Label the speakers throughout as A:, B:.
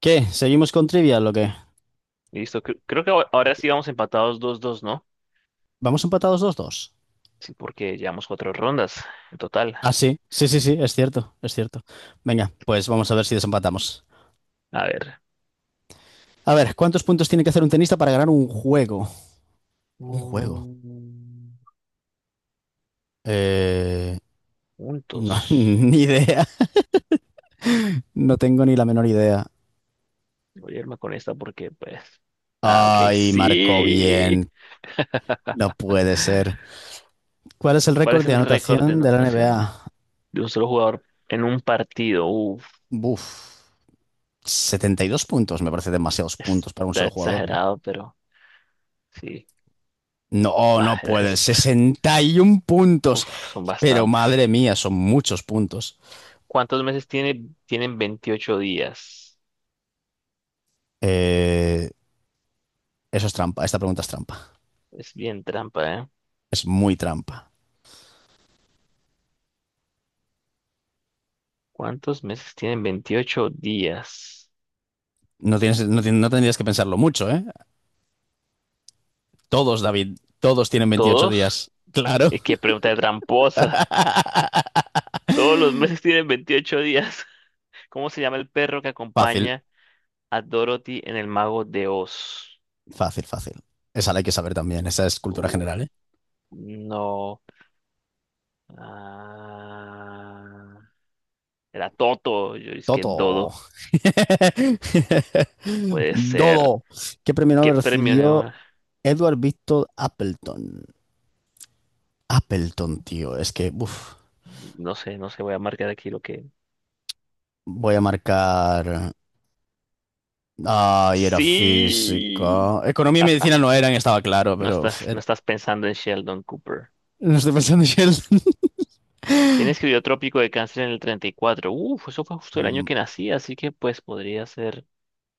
A: ¿Qué? ¿Seguimos con Trivial o qué?
B: Listo, creo que ahora ahora sí vamos empatados 2-2, ¿no?
A: ¿Vamos empatados dos dos?
B: Sí, porque llevamos cuatro rondas en total.
A: Ah, sí, sí, sí, sí, es cierto, es cierto. Venga, pues vamos a ver si desempatamos.
B: A ver.
A: A ver, ¿cuántos puntos tiene que hacer un tenista para ganar un juego? Un juego.
B: Mm.
A: Eh, no,
B: Juntos.
A: ni idea. No tengo ni la menor idea.
B: Voy a irme con esta porque, pues. Ah, ok,
A: Ay, marcó
B: sí.
A: bien. No puede ser. ¿Cuál es el
B: ¿Cuál
A: récord
B: es
A: de
B: el récord de
A: anotación de la
B: anotación
A: NBA?
B: de un solo jugador en un partido? Uf,
A: Buf. 72 puntos, me parece demasiados puntos para un
B: está
A: solo jugador, ¿no?
B: exagerado, pero sí.
A: No, no
B: Ah,
A: puede. 61 puntos.
B: uf, son
A: Pero
B: bastantes.
A: madre mía, son muchos puntos.
B: ¿Cuántos meses tiene? Tienen 28 días.
A: Eh, eso es trampa. Esta pregunta es trampa.
B: Es bien trampa, eh.
A: Es muy trampa.
B: ¿Cuántos meses tienen 28 días?
A: No, tienes, no, tien- no tendrías que pensarlo mucho, ¿eh? Todos, David, todos tienen veintiocho
B: ¿Todos?
A: días. Claro.
B: Es que pregunta de tramposa. Todos los meses tienen 28 días. ¿Cómo se llama el perro que
A: Fácil,
B: acompaña a Dorothy en El Mago de Oz?
A: fácil, fácil. Esa la hay que saber también. Esa es cultura
B: Uh,
A: general, ¿eh?
B: no. Ah, era Toto. Yo es que
A: Toto.
B: Dodo. Puede ser.
A: Dodo. ¿Qué premio
B: ¿Qué
A: Nobel
B: premio?
A: recibió
B: No,
A: Edward Victor Appleton? Appleton, tío. Es que, uff.
B: no sé, no sé. Voy a marcar aquí lo que.
A: Voy a marcar. Ay, era
B: Sí.
A: física. Economía y medicina no eran, estaba claro,
B: No
A: pero
B: estás, no
A: era-
B: estás pensando en Sheldon Cooper.
A: No estoy pensando en Sheldon.
B: ¿Quién escribió Trópico de Cáncer en el 34? Uf, eso fue justo el año
A: Mm,
B: que nací, así que pues podría ser.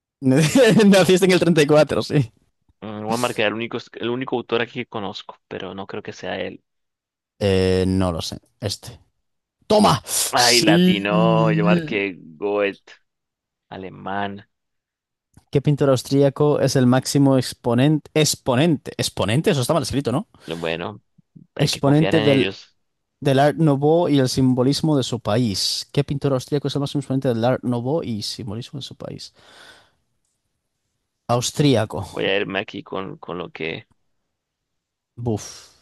A: Naciste en el 34, sí.
B: Voy a marcar el único autor aquí que conozco, pero no creo que sea él.
A: No lo sé. Este. ¡Toma!
B: Ay,
A: Sí.
B: latino, yo marqué Goethe, alemán.
A: ¿Qué pintor austríaco es el máximo exponente? Exponente. Exponente, eso está mal escrito, ¿no?
B: Bueno, hay que confiar
A: Exponente
B: en
A: del,
B: ellos.
A: del Art Nouveau y el simbolismo de su país. ¿Qué pintor austríaco es el máximo exponente del Art Nouveau y simbolismo de su país? Austríaco.
B: Voy a irme aquí con lo que
A: Buf.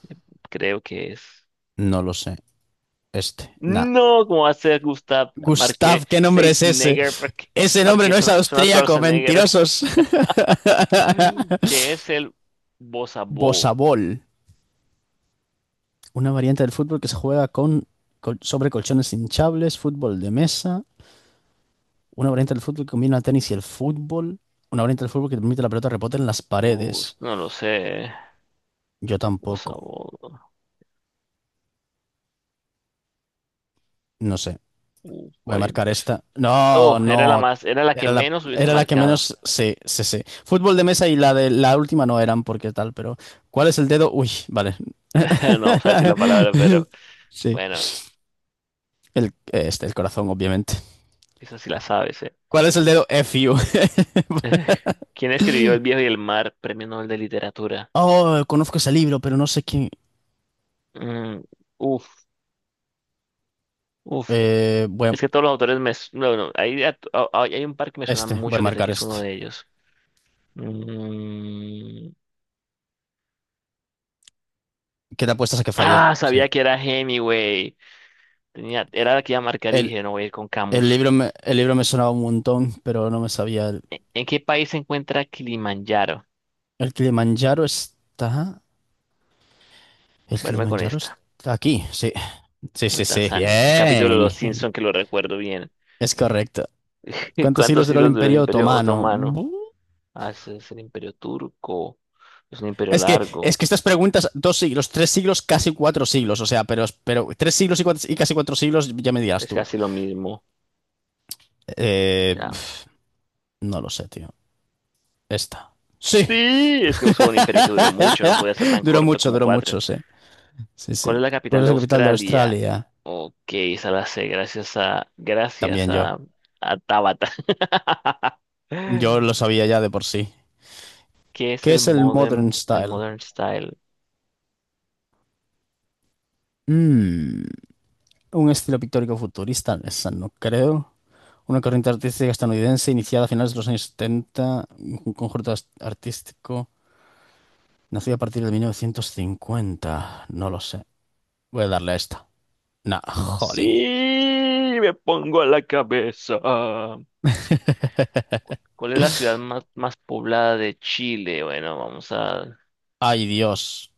B: creo que es.
A: No lo sé. Este, nada.
B: No, ¿cómo va a ser, Gustav? Marqué
A: Gustav, ¿qué nombre es ese?
B: Schwarzenegger, marqué,
A: Ese nombre
B: marqué
A: no es
B: suena
A: austríaco,
B: Schwarzenegger,
A: mentirosos.
B: que es el Bossa Ball.
A: Bosabol, una variante del fútbol que se juega con, col- sobre colchones hinchables, fútbol de mesa, una variante del fútbol que combina el tenis y el fútbol, una variante del fútbol que permite que la pelota rebote en las paredes.
B: No lo sé.
A: Yo
B: Bossa
A: tampoco,
B: Nova.
A: no sé. Voy a
B: Guay.
A: marcar esta. No,
B: Oh, era
A: no.
B: era la que
A: Era la,
B: menos hubiese
A: era la que
B: marcado.
A: menos. Sí, sí, sí. Fútbol de mesa y la de la última no eran porque tal, pero. ¿Cuál es el dedo? Uy, vale.
B: No vamos a decir la palabra, pero
A: Sí.
B: bueno,
A: El, este, el corazón, obviamente.
B: eso sí la sabes, ¿eh?
A: ¿Cuál es el dedo? F you.
B: ¿Quién escribió El viejo y el mar, Premio Nobel de Literatura?
A: Oh, conozco ese libro, pero no sé quién.
B: Mm, uf, uf.
A: Eh, voy a-
B: Es que todos los autores me, no, no, hay un par que me suena
A: este, voy a
B: mucho que sé
A: marcar
B: que es uno
A: este.
B: de ellos. Mm,
A: ¿Qué te apuestas a que fallé? Sí.
B: Sabía que era Hemingway. Era la que iba a marcar y
A: El,
B: dije, no voy a ir con
A: el
B: Camus.
A: libro me, el libro me sonaba un montón, pero no me sabía.
B: ¿En qué país se encuentra Kilimanjaro?
A: El Kilimanjaro está. El
B: Vuelve con
A: Kilimanjaro
B: esta.
A: está aquí, sí. Sí, sí,
B: En
A: sí,
B: Tanzania. Un capítulo de
A: bien.
B: Los Simpson que lo recuerdo bien.
A: Es correcto. ¿Cuántos siglos
B: ¿Cuántos
A: duró el
B: siglos duró el
A: Imperio
B: Imperio
A: Otomano?
B: Otomano?
A: Bu-
B: Ah, ese es el Imperio Turco. Es un imperio
A: Es que, es
B: largo.
A: que estas preguntas, 2 siglos, 3 siglos, casi 4 siglos, o sea, pero 3 siglos y, cuatro- y casi 4 siglos, ya me dirás
B: Es
A: tú.
B: casi lo mismo.
A: Eh,
B: Ya.
A: pf, no lo sé, tío. Esta. Sí.
B: Sí, es que fue un imperio que duró mucho. No podía ser tan corto como
A: Duró
B: cuatro.
A: mucho, sí. Sí, sí.
B: ¿Cuál es la
A: ¿Cuál
B: capital
A: es
B: de
A: la capital de
B: Australia?
A: Australia?
B: Ok, esa la sé. Gracias a. Gracias
A: También yo.
B: a. A Tabata.
A: Yo lo sabía ya de por sí.
B: ¿Qué es
A: ¿Qué
B: el
A: es el
B: modem,
A: Modern
B: el
A: Style?
B: modern style?
A: Mmm. Un estilo pictórico futurista, esa no creo. Una corriente artística estadounidense iniciada a finales de los años 70 un conjunto artístico nacido a partir de 1950. No lo sé. Voy a darle a esta. Nah, jolín.
B: Sí, me pongo a la cabeza. ¿Cuál es la ciudad más poblada de Chile? Bueno, vamos
A: Ay, Dios.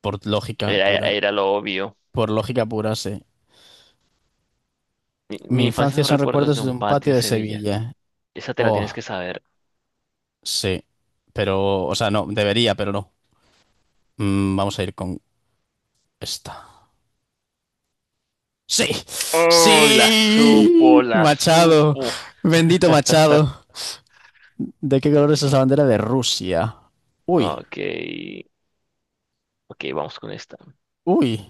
A: Por lógica
B: a
A: pura.
B: ir a lo obvio.
A: Por lógica pura, sí.
B: Mi,
A: Mi
B: mi infancia
A: infancia
B: son
A: son
B: recuerdos de
A: recuerdos de
B: un
A: un
B: patio
A: patio
B: de
A: de
B: Sevilla.
A: Sevilla.
B: Esa te la tienes
A: Oh,
B: que saber.
A: sí. Pero, o sea, no, debería, pero no. Vamos a ir con esta. Sí,
B: ¡Uy, la supo,
A: sí,
B: la
A: Machado,
B: supo!
A: bendito Machado. ¿De qué color es esa bandera de Rusia? Uy,
B: Ok, ok, vamos con esta.
A: uy.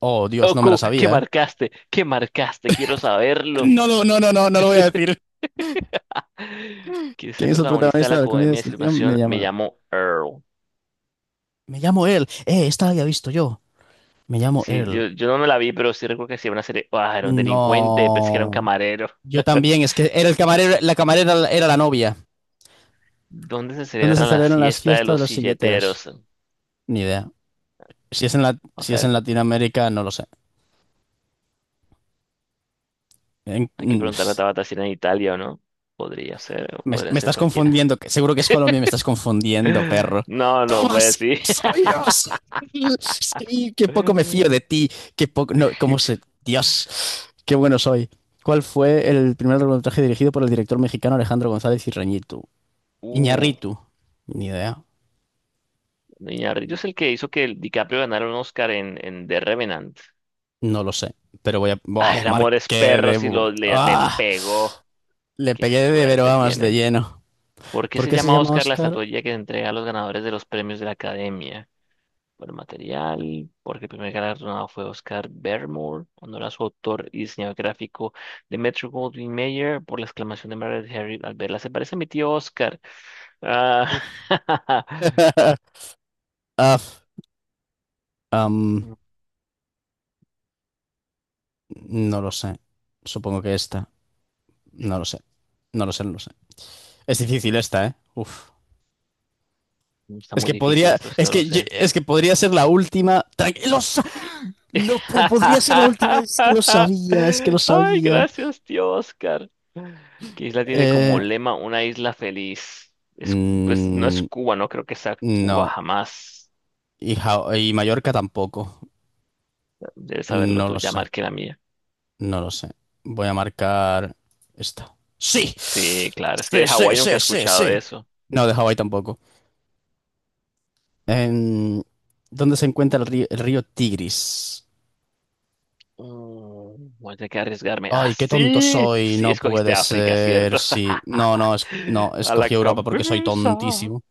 A: Oh, Dios, no me la
B: Oku, ¿qué
A: sabía, ¿eh?
B: marcaste? ¿Qué marcaste? Quiero saberlo.
A: No, lo- no, no, no, no lo voy a decir.
B: ¿Quién es el
A: ¿Quién es el
B: protagonista de
A: protagonista
B: la
A: de la comedia de
B: comedia de
A: situación? Me
B: situación? Me
A: llaman.
B: llamo Earl.
A: Me llamo él. Esta la había visto yo. Me llamo
B: Sí,
A: él.
B: yo no me la vi, pero sí recuerdo que sí era una serie. Ah, era un delincuente, pensé que era un
A: No.
B: camarero.
A: Yo también, es que era el camarero, la camarera era la novia.
B: ¿Dónde se
A: ¿Dónde
B: celebra
A: se
B: la
A: celebran las
B: fiesta de
A: fiestas de
B: los
A: los silleteras?
B: silleteros?
A: Ni idea. Si es en la,
B: O
A: si es
B: sea,
A: en Latinoamérica, no lo sé. En-
B: hay que preguntarle a Tabata si era en Italia o no. Podría ser, o
A: Me,
B: podría
A: me
B: ser
A: estás
B: cualquiera.
A: confundiendo, que seguro que es Colombia, me estás confundiendo, perro.
B: No, no
A: ¡Toma,
B: voy a
A: sí,
B: decir.
A: lo sabías! Sí, qué poco me fío de ti, qué poco... No, ¿cómo se...? Dios, qué bueno soy. ¿Cuál fue el primer largometraje dirigido por el director mexicano Alejandro González Iñárritu?
B: Uh,
A: Iñárritu. Ni idea,
B: Iñárritu es el que hizo que el DiCaprio ganara un Oscar en The Revenant.
A: no lo sé, pero voy a...
B: Ah,
A: ¡Buah!
B: el amor es
A: Marqué
B: perro
A: de...
B: si lo
A: bu-
B: le
A: ¡Ah!
B: pegó.
A: Le
B: Qué
A: pegué de pero
B: suerte
A: vamos, de
B: tiene.
A: lleno.
B: ¿Por qué
A: ¿Por
B: se
A: qué se
B: llama
A: llama
B: Oscar la
A: Oscar?
B: estatuilla que se entrega a los ganadores de los premios de la Academia? Por el material, porque el primer galardonado fue Oscar Bermore, honor a su autor y diseñador gráfico de Metro Goldwyn Mayer, por la exclamación de Margaret Harry al verla. Se parece a mi tío Oscar. Ah,
A: Af. No lo sé. Supongo que esta. No lo sé. No lo sé, no lo sé. Es difícil esta, ¿eh? Uf.
B: está
A: Es
B: muy
A: que
B: difícil
A: podría.
B: esto, si
A: Es
B: no lo
A: que, ye-
B: sé.
A: es que podría ser la última. Tranqui- lo sa-
B: Y-
A: No po- podría ser la última. Es que lo sabía, es que lo
B: Ay,
A: sabía.
B: gracias, tío Oscar. ¿Qué isla tiene como
A: Eh,
B: lema una isla feliz? Es, pues, no es
A: mm,
B: Cuba, no creo que sea Cuba
A: no.
B: jamás.
A: Y, Ja- y Mallorca tampoco.
B: Debes saberlo
A: No
B: tú,
A: lo
B: ya
A: sé.
B: marqué la mía.
A: No lo sé. Voy a marcar esta. ¡Sí!
B: Sí, claro, es que de
A: Sí, sí,
B: Hawái nunca he
A: sí, sí,
B: escuchado
A: sí.
B: eso.
A: No, de Hawái tampoco. En- ¿dónde se encuentra el río Tigris?
B: Voy a tener que arriesgarme. Ah,
A: Ay, qué tonto
B: sí,
A: soy,
B: sí,
A: no
B: escogiste
A: puede
B: África,
A: ser.
B: ¿cierto?
A: Sí, no, no, es, no,
B: A la
A: escogí Europa porque soy
B: cabeza.
A: tontísimo.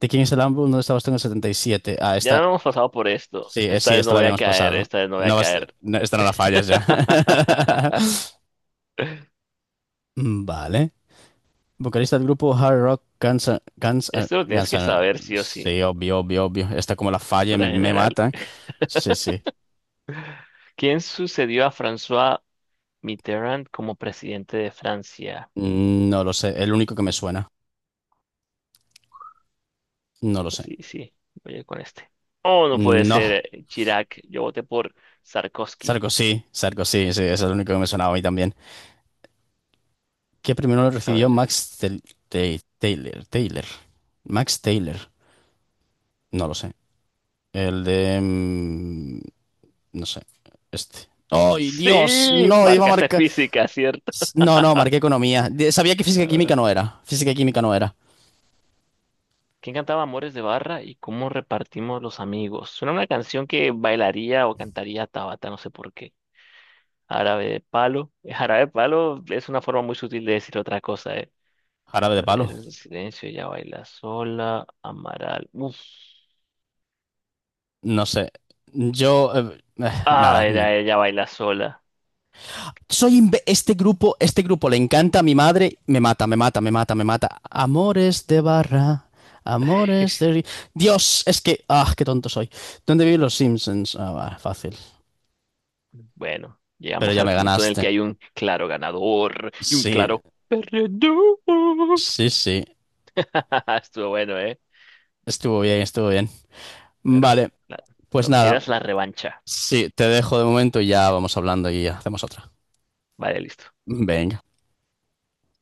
A: ¿De quién es el álbum? ¿Dónde estabas tú en el 77? Ah,
B: Ya no
A: esta,
B: hemos pasado por esto.
A: sí,
B: Esta
A: sí,
B: vez no
A: esta la
B: voy a
A: habíamos
B: caer,
A: pasado.
B: esta vez no voy a
A: No vas,
B: caer.
A: no, esta no la fallas ya. Mm, vale. Vocalista del grupo Hard Rock Guns, N- Guns, N-
B: Esto lo tienes
A: Guns
B: que
A: N-
B: saber sí o sí,
A: Sí, obvio, obvio, obvio. Esta como la falle me,
B: cultura
A: me
B: general.
A: mata. Sí, sí.
B: ¿Quién sucedió a François Mitterrand como presidente de Francia?
A: No lo sé. El único que me suena. No lo sé.
B: Sí, sí, voy a ir con este. Oh, no puede ser,
A: No,
B: Chirac. Yo voté por Sarkozy.
A: Sarkozy, Sarkozy, sí, ese es el único que me sonaba a mí también. ¿Qué primero lo
B: A
A: recibió
B: ver.
A: Max Tel- Tay- Taylor? Taylor. Max Taylor. No lo sé. El de... No sé. Este. ¡Ay, Dios!
B: Sí,
A: No, iba a
B: marcaste
A: marcar...
B: física, ¿cierto?
A: No, no, marqué economía. De- Sabía que física y
B: Ah.
A: química no era. Física y química no era.
B: ¿Quién cantaba Amores de Barra y cómo repartimos los amigos? Suena una canción que bailaría o cantaría Tabata, no sé por qué. Árabe de palo. Jarabe de palo es una forma muy sutil de decir otra cosa, ¿eh?
A: Jarabe de palo.
B: Héroes de Silencio, ella baila sola. Amaral. Uf.
A: No sé. Yo...
B: Ah,
A: nada,
B: era ella baila sola.
A: soy imbe- este grupo le encanta a mi madre, me mata, me mata, me mata, me mata. Amores de barra, amores de ri- Dios, es que qué tonto soy. ¿Dónde viven los Simpsons? Ah, va, fácil.
B: Bueno,
A: Pero
B: llegamos
A: ya
B: al
A: me
B: punto en el
A: ganaste.
B: que hay un claro ganador y un
A: Sí,
B: claro perdedor.
A: sí, sí.
B: Estuvo bueno, ¿eh?
A: Estuvo bien, estuvo bien.
B: Bueno,
A: Vale,
B: la-
A: pues
B: cuando
A: nada.
B: quieras la revancha.
A: Sí, te dejo de momento y ya vamos hablando y hacemos otra.
B: Vale, listo.
A: Venga.